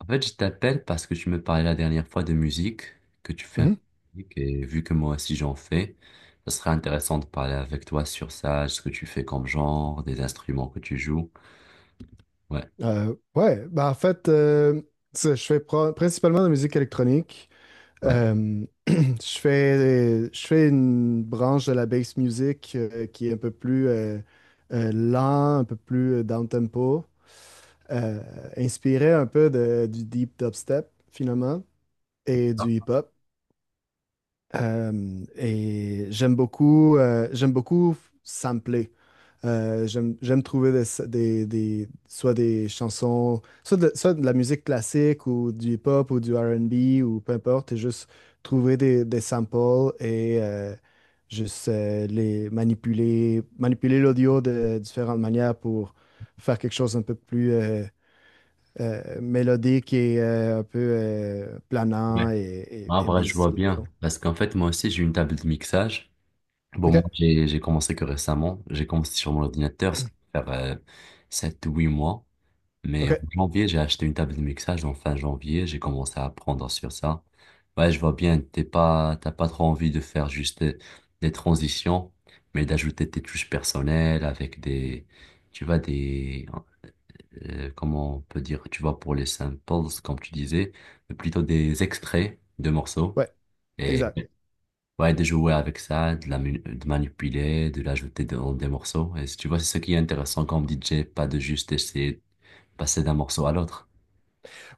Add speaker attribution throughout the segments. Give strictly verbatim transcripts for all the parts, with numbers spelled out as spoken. Speaker 1: En fait, je t'appelle parce que tu me parlais la dernière fois de musique, que tu fais un peu
Speaker 2: Mhm.
Speaker 1: de musique, et vu que moi aussi j'en fais, ça serait intéressant de parler avec toi sur ça, ce que tu fais comme genre, des instruments que tu joues. Ouais.
Speaker 2: Euh, ouais, ben en fait, euh, ça, je fais pro- principalement de la musique électronique.
Speaker 1: Ouais.
Speaker 2: Euh, je fais, je fais une branche de la bass music euh, qui est un peu plus euh, euh, lent, un peu plus euh, down-tempo, euh, inspiré un peu de- du deep dubstep finalement et du
Speaker 1: Ah,
Speaker 2: hip-hop. Euh, et j'aime beaucoup, euh, j'aime beaucoup sampler. Euh, j'aime, j'aime trouver des, des- des- soit des chansons, soit de, soit de la musique classique ou du hip-hop ou du R et B ou peu importe, et juste trouver des, des samples et euh, juste euh, les manipuler, manipuler l'audio de différentes manières pour faire quelque chose un peu plus euh, euh, mélodique et euh, un peu euh,
Speaker 1: ouais.
Speaker 2: planant et,
Speaker 1: En
Speaker 2: et, et
Speaker 1: vrai, je vois
Speaker 2: bassy, au
Speaker 1: bien,
Speaker 2: fond.
Speaker 1: parce qu'en fait, moi aussi, j'ai une table de mixage. Bon, moi,
Speaker 2: OK,
Speaker 1: j'ai j'ai commencé que récemment, j'ai commencé sur mon ordinateur, ça va faire sept ou huit mois. Mais en
Speaker 2: OK,
Speaker 1: janvier, j'ai acheté une table de mixage en fin janvier. J'ai commencé à apprendre sur ça. Ouais, je vois bien, t'es pas, t'as pas trop envie de faire juste des, des transitions, mais d'ajouter tes touches personnelles avec des, tu vois, des, euh, comment on peut dire, tu vois, pour les samples, comme tu disais, mais plutôt des extraits de morceaux.
Speaker 2: ouais,
Speaker 1: Et
Speaker 2: exact.
Speaker 1: ouais, de jouer avec ça, de la, mu- de manipuler, de l'ajouter dans des morceaux. Et tu vois, c'est ce qui est intéressant comme D J, pas de juste essayer de passer d'un morceau à l'autre.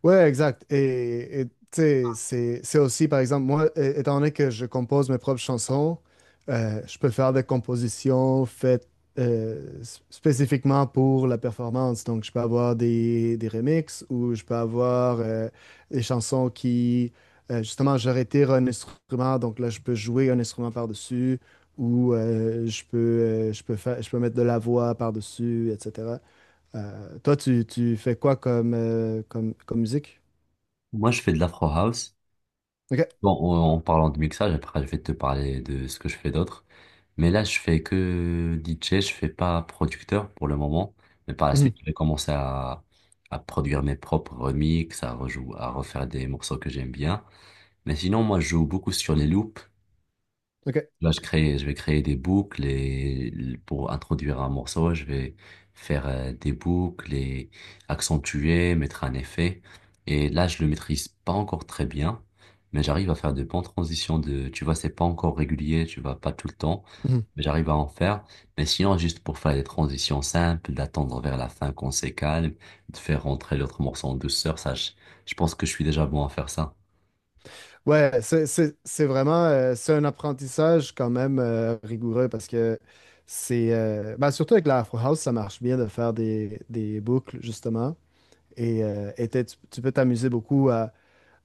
Speaker 2: Ouais, exact. Et, et, tu sais, c'est, c'est aussi, par exemple, moi, é- étant donné que je compose mes propres chansons, euh, je peux faire des compositions faites euh, s- spécifiquement pour la performance. Donc, je peux avoir des, des remixes ou je peux avoir euh, des chansons qui, euh, justement, je retire un instrument. Donc là, je peux jouer un instrument par-dessus ou euh, je peux, euh, je peux faire, je peux mettre de la voix par-dessus, et cetera. Euh, toi, tu, tu fais quoi comme, euh, comme, comme musique?
Speaker 1: Moi, je fais de l'afro house.
Speaker 2: OK.
Speaker 1: Bon, en, en parlant de mixage, après, je vais te parler de ce que je fais d'autre. Mais là, je fais que D J, je fais pas producteur pour le moment. Mais par la suite,
Speaker 2: Mhm.
Speaker 1: je vais commencer à, à produire mes propres remixes, à rejou à refaire des morceaux que j'aime bien. Mais sinon, moi, je joue beaucoup sur les loops.
Speaker 2: OK.
Speaker 1: Là, je crée, je vais créer des boucles et pour introduire un morceau, je vais faire euh, des boucles et accentuer, mettre un effet. Et là, je le maîtrise pas encore très bien, mais j'arrive à faire de bonnes transitions de, tu vois, c'est pas encore régulier, tu vois, pas tout le temps,
Speaker 2: Mhm.
Speaker 1: mais j'arrive à en faire. Mais sinon, juste pour faire des transitions simples, d'attendre vers la fin qu'on s'est calme, de faire rentrer l'autre morceau en douceur, ça, je, je pense que je suis déjà bon à faire ça.
Speaker 2: Ouais, c'est c'est- c'est vraiment euh, c'est un apprentissage quand même euh, rigoureux parce que c'est euh, ben, surtout avec la Afro House, ça marche bien de faire des, des boucles justement. Et, euh, et t'es- tu, tu peux t'amuser beaucoup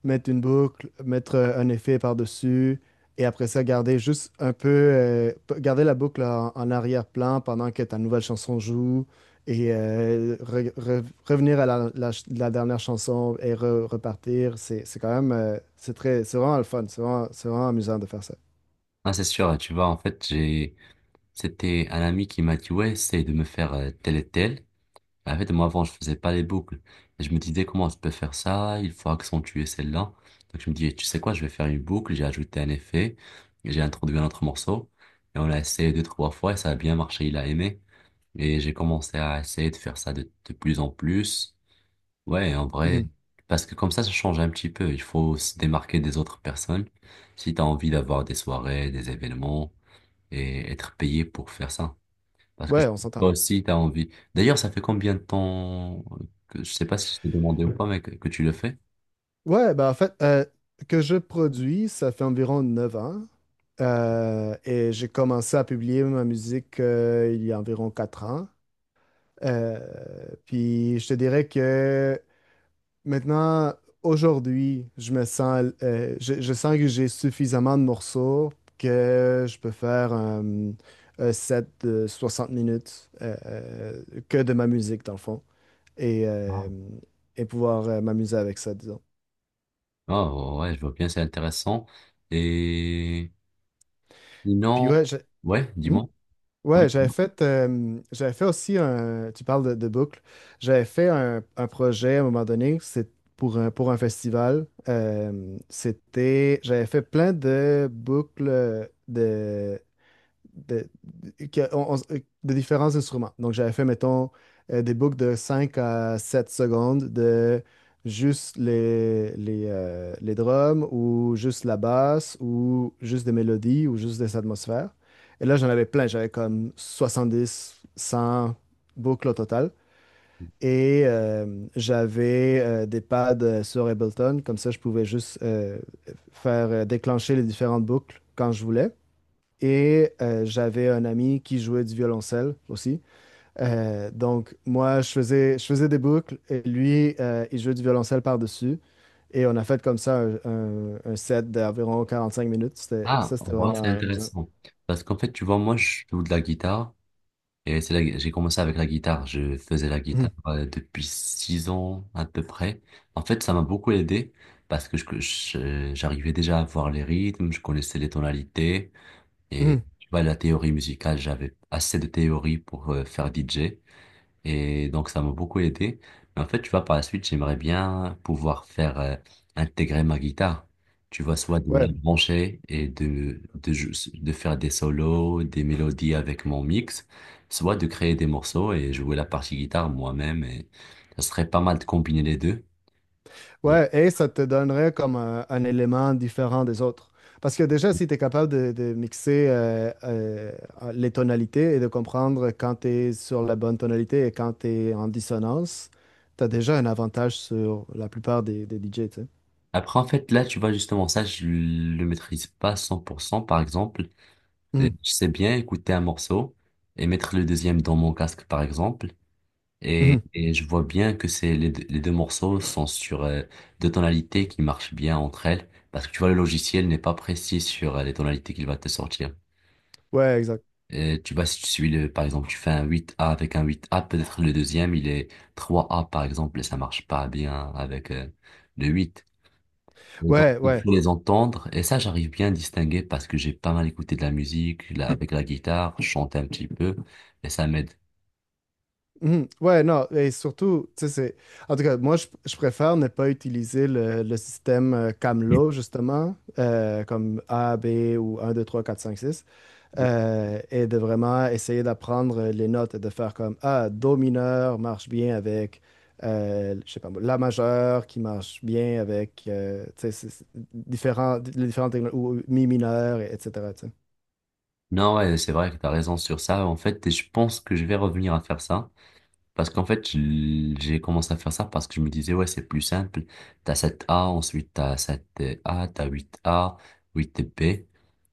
Speaker 2: mettre une boucle, mettre euh, un effet par-dessus, et après ça, garder juste un peu, euh, p- garder la boucle en, en arrière-plan pendant que ta nouvelle chanson joue, et euh, re- re- revenir à la, la ch- la dernière chanson et re- repartir. C'est, c'est quand même, euh, c'est très, c'est vraiment le fun, c'est vraiment, c'est vraiment amusant de faire ça.
Speaker 1: Ah, c'est sûr, tu vois, en fait, j'ai, c'était un ami qui m'a dit, ouais, essaye de me faire euh, tel et tel. Mais en fait, moi, avant, je faisais pas les boucles. Et je me disais, comment je peux faire ça? Il faut accentuer celle-là. Donc, je me dis, tu sais quoi, je vais faire une boucle. J'ai ajouté un effet. J'ai introduit un autre morceau. Et on l'a essayé deux, trois fois et ça a bien marché. Il a aimé. Et j'ai commencé à essayer de faire ça de, de plus en plus. Ouais, en vrai.
Speaker 2: Mhm.
Speaker 1: Parce que comme ça, ça change un petit peu. Il faut se démarquer des autres personnes si tu as envie d'avoir des soirées, des événements et être payé pour faire ça. Parce que je-
Speaker 2: Ouais, on s'entend.
Speaker 1: toi aussi, tu as envie. D'ailleurs, ça fait combien de temps que je sais pas si je t'ai demandé ou pas, mais que, que tu le fais?
Speaker 2: Ouais, bah en fait, euh, que je produis, ça fait environ neuf ans. Euh, et j'ai commencé à publier ma musique euh, il y a environ quatre ans. Euh, puis je te dirais que maintenant, aujourd'hui, je me sens, euh, je, je sens que j'ai suffisamment de morceaux que je peux faire euh, un set de soixante minutes euh, euh, que de ma musique, dans le fond, et, euh,
Speaker 1: Ah.
Speaker 2: et pouvoir euh, m'amuser avec ça, disons.
Speaker 1: Ah, ouais, je vois bien, c'est intéressant. Et
Speaker 2: Puis
Speaker 1: non,
Speaker 2: ouais, je...
Speaker 1: ouais,
Speaker 2: Hmm?
Speaker 1: dis-moi. Ouais,
Speaker 2: Ouais, j'avais
Speaker 1: dis-moi.
Speaker 2: fait, euh, j'avais fait aussi un. Tu parles de, de boucle. J'avais fait un, un projet à un moment donné, c'est pour un, pour un festival. Euh, c'était, j'avais fait plein de boucles de, de, que- on- on- de différents instruments. Donc, j'avais fait, mettons, euh, des boucles de cinq à sept secondes de juste les, les, euh, les drums ou juste la basse ou juste des mélodies ou juste des atmosphères. Et là, j'en avais plein. J'avais comme soixante-dix, cent boucles au total. Et euh, j'avais euh, des pads euh, sur Ableton. Comme ça, je pouvais juste euh, faire euh, déclencher les différentes boucles quand je voulais. Et euh, j'avais un ami qui jouait du violoncelle aussi. Euh, donc, moi, je faisais, je faisais des boucles et lui, euh, il jouait du violoncelle par-dessus. Et on a fait comme ça un, un- un set d'environ quarante-cinq minutes. C'était-
Speaker 1: Ah,
Speaker 2: ça, c'était
Speaker 1: en vrai, c'est
Speaker 2: vraiment amusant.
Speaker 1: intéressant. Parce qu'en fait, tu vois, moi, je joue de la guitare. Et c'est la... j'ai commencé avec la guitare. Je faisais la guitare
Speaker 2: Mhm.
Speaker 1: euh, depuis six ans à peu près. En fait, ça m'a beaucoup aidé parce que je- je- j'arrivais déjà à voir les rythmes, je connaissais les tonalités. Et
Speaker 2: Mhm.
Speaker 1: tu vois, la théorie musicale, j'avais assez de théorie pour euh, faire D J. Et donc, ça m'a beaucoup aidé. Mais en fait, tu vois, par la suite, j'aimerais bien pouvoir faire euh, intégrer ma guitare. Tu vois, soit de la
Speaker 2: Ouais.
Speaker 1: brancher et de, de, jou- de faire des solos, des mélodies avec mon mix, soit de créer des morceaux et jouer la partie guitare moi-même. Et ça serait pas mal de combiner les deux.
Speaker 2: Ouais, et ça te donnerait comme un, un élément différent des autres. Parce que déjà, si tu es capable de, de mixer euh, euh, les tonalités et de comprendre quand tu es sur la bonne tonalité et quand tu es en dissonance, tu as déjà un avantage sur la plupart des, des D J, tu sais.
Speaker 1: Après, en fait, là, tu vois, justement, ça, je le maîtrise pas cent pour cent, par exemple. Euh,
Speaker 2: Mhm,
Speaker 1: Je sais bien écouter un morceau et mettre le deuxième dans mon casque, par exemple. Et,
Speaker 2: mhm.
Speaker 1: et je vois bien que c'est les deux, les deux morceaux sont sur euh, deux tonalités qui marchent bien entre elles. Parce que tu vois, le logiciel n'est pas précis sur euh, les tonalités qu'il va te sortir.
Speaker 2: Ouais, exact.
Speaker 1: Et tu vois, si tu suis le, par exemple, tu fais un huit a avec un huit a, peut-être le deuxième, il est trois a, par exemple, et ça marche pas bien avec euh, le huit. Et donc,
Speaker 2: Ouais,
Speaker 1: il
Speaker 2: ouais.
Speaker 1: faut les entendre. Et ça, j'arrive bien à distinguer parce que j'ai pas mal écouté de la musique, là, avec la guitare, je chante un petit peu, et ça m'aide.
Speaker 2: Mhm. Ouais, non, et surtout, tu sais, c'est... En tout cas, moi, je, je préfère ne pas utiliser le, le système euh, Camlo, justement, euh, comme A, B ou un deux trois quatre cinq six euh, et de vraiment essayer d'apprendre les notes et de faire comme, ah, Do mineur marche bien avec, euh, je sais pas, moi, La majeure qui marche bien avec, euh, tu sais, c'est- c'est différents, les différentes techno- ou Mi mineur, et- etc., tu
Speaker 1: Non, ouais, c'est vrai que t'as raison sur ça. En fait, je pense que je vais revenir à faire ça. Parce qu'en fait, je- j'ai commencé à faire ça parce que je me disais, ouais, c'est plus simple. T'as sept a ensuite t'as sept a t'as huit a huit b.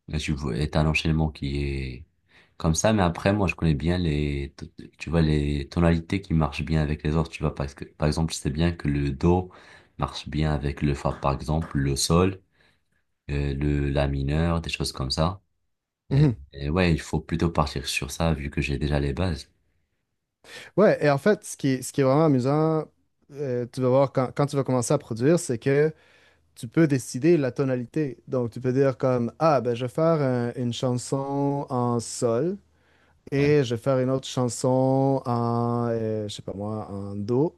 Speaker 1: Là, tu vois, est un enchaînement qui est comme ça, mais après, moi, je connais bien les, to- tu vois, les tonalités qui marchent bien avec les autres, tu vois, parce que, par exemple, je sais bien que le do marche bien avec le fa, par exemple, le sol, euh, le la mineur, des choses comme ça. Et,
Speaker 2: sais.
Speaker 1: et ouais, il faut plutôt partir sur ça, vu que j'ai déjà les bases.
Speaker 2: Ouais, et en fait, ce qui est, ce qui est vraiment amusant, euh, tu vas voir quand, quand tu vas commencer à produire, c'est que tu peux décider la tonalité. Donc, tu peux dire comme, ah, ben, je vais faire un- une chanson en sol
Speaker 1: Ouais.
Speaker 2: et je vais faire une autre chanson en, euh, je sais pas moi, en do.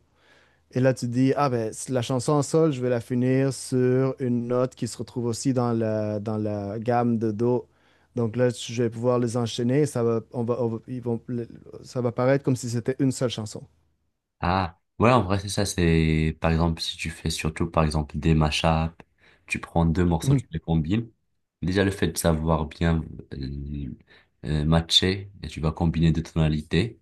Speaker 2: Et là, tu dis, ah, ben, c- la chanson en sol, je vais la finir sur une note qui se retrouve aussi dans la, dans la gamme de do. Donc là, tu- je vais pouvoir les enchaîner. Ça va, on va, on va- ils vont, le- ça va paraître comme si c'était une seule chanson.
Speaker 1: Ah, ouais, en vrai, c'est ça. C'est, par exemple, si tu fais surtout, par exemple, des mashups, tu prends deux morceaux, tu les combines. Déjà, le fait de savoir bien euh, euh, matcher, et tu vas combiner deux tonalités,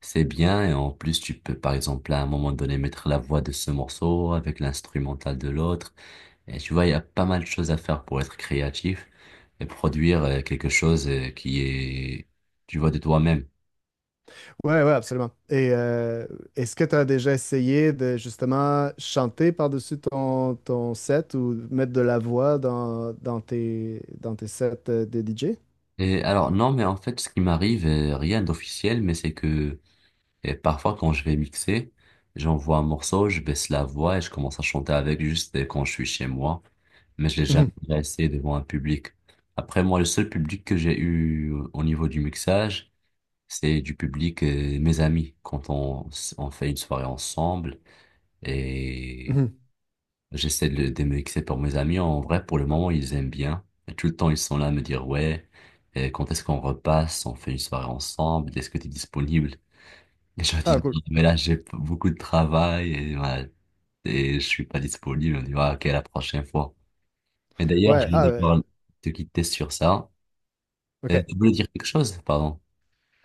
Speaker 1: c'est bien. Et en plus, tu peux, par exemple, à un moment donné, mettre la voix de ce morceau avec l'instrumental de l'autre. Et tu vois, il y a pas mal de choses à faire pour être créatif et produire euh, quelque chose euh, qui est, tu vois, de toi-même.
Speaker 2: Ouais, ouais, absolument. Et euh, est-ce que tu as déjà essayé de justement chanter par-dessus ton, ton set ou mettre de la voix dans, dans tes, dans tes sets euh, de D J?
Speaker 1: Et alors, non, mais en fait, ce qui m'arrive, euh, rien d'officiel, mais c'est que euh, parfois, quand je vais mixer, j'envoie un morceau, je baisse la voix et je commence à chanter avec juste euh, quand je suis chez moi. Mais je l'ai jamais
Speaker 2: Mhm,
Speaker 1: essayé devant un public. Après, moi, le seul public que j'ai eu euh, au niveau du mixage, c'est du public, euh, mes amis, quand on, s- on fait une soirée ensemble. Et
Speaker 2: mhm.
Speaker 1: j'essaie de, le- de me mixer pour mes amis. En vrai, pour le moment, ils aiment bien. Et tout le temps, ils sont là à me dire, ouais, et quand est-ce qu'on repasse? On fait une soirée ensemble? Est-ce que tu es disponible? Et je leur dis,
Speaker 2: Ah, cool.
Speaker 1: non, mais là, j'ai beaucoup de travail et, voilà, et je suis pas disponible. On dit, ah, ok, la prochaine fois. Et d'ailleurs, je
Speaker 2: Ouais, ah,
Speaker 1: vais
Speaker 2: ouais,
Speaker 1: devoir te quitter sur ça. Euh,
Speaker 2: ok.
Speaker 1: tu voulais dire quelque chose? Pardon.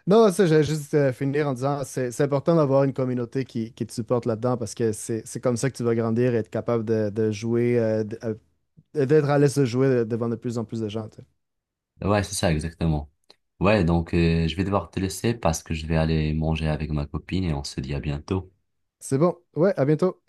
Speaker 2: Non, ça, j'allais juste euh, finir en disant, c'est, c'est important d'avoir une communauté qui, qui te supporte là-dedans parce que c'est, c'est comme ça que tu vas grandir et être capable de, de jouer, euh, d- euh, d'être à l'aise de jouer euh, devant de plus en plus de gens. Tu sais.
Speaker 1: Ouais, c'est ça, exactement. Ouais, donc, euh, je vais devoir te laisser parce que je vais aller manger avec ma copine et on se dit à bientôt.
Speaker 2: C'est bon. Ouais, à bientôt.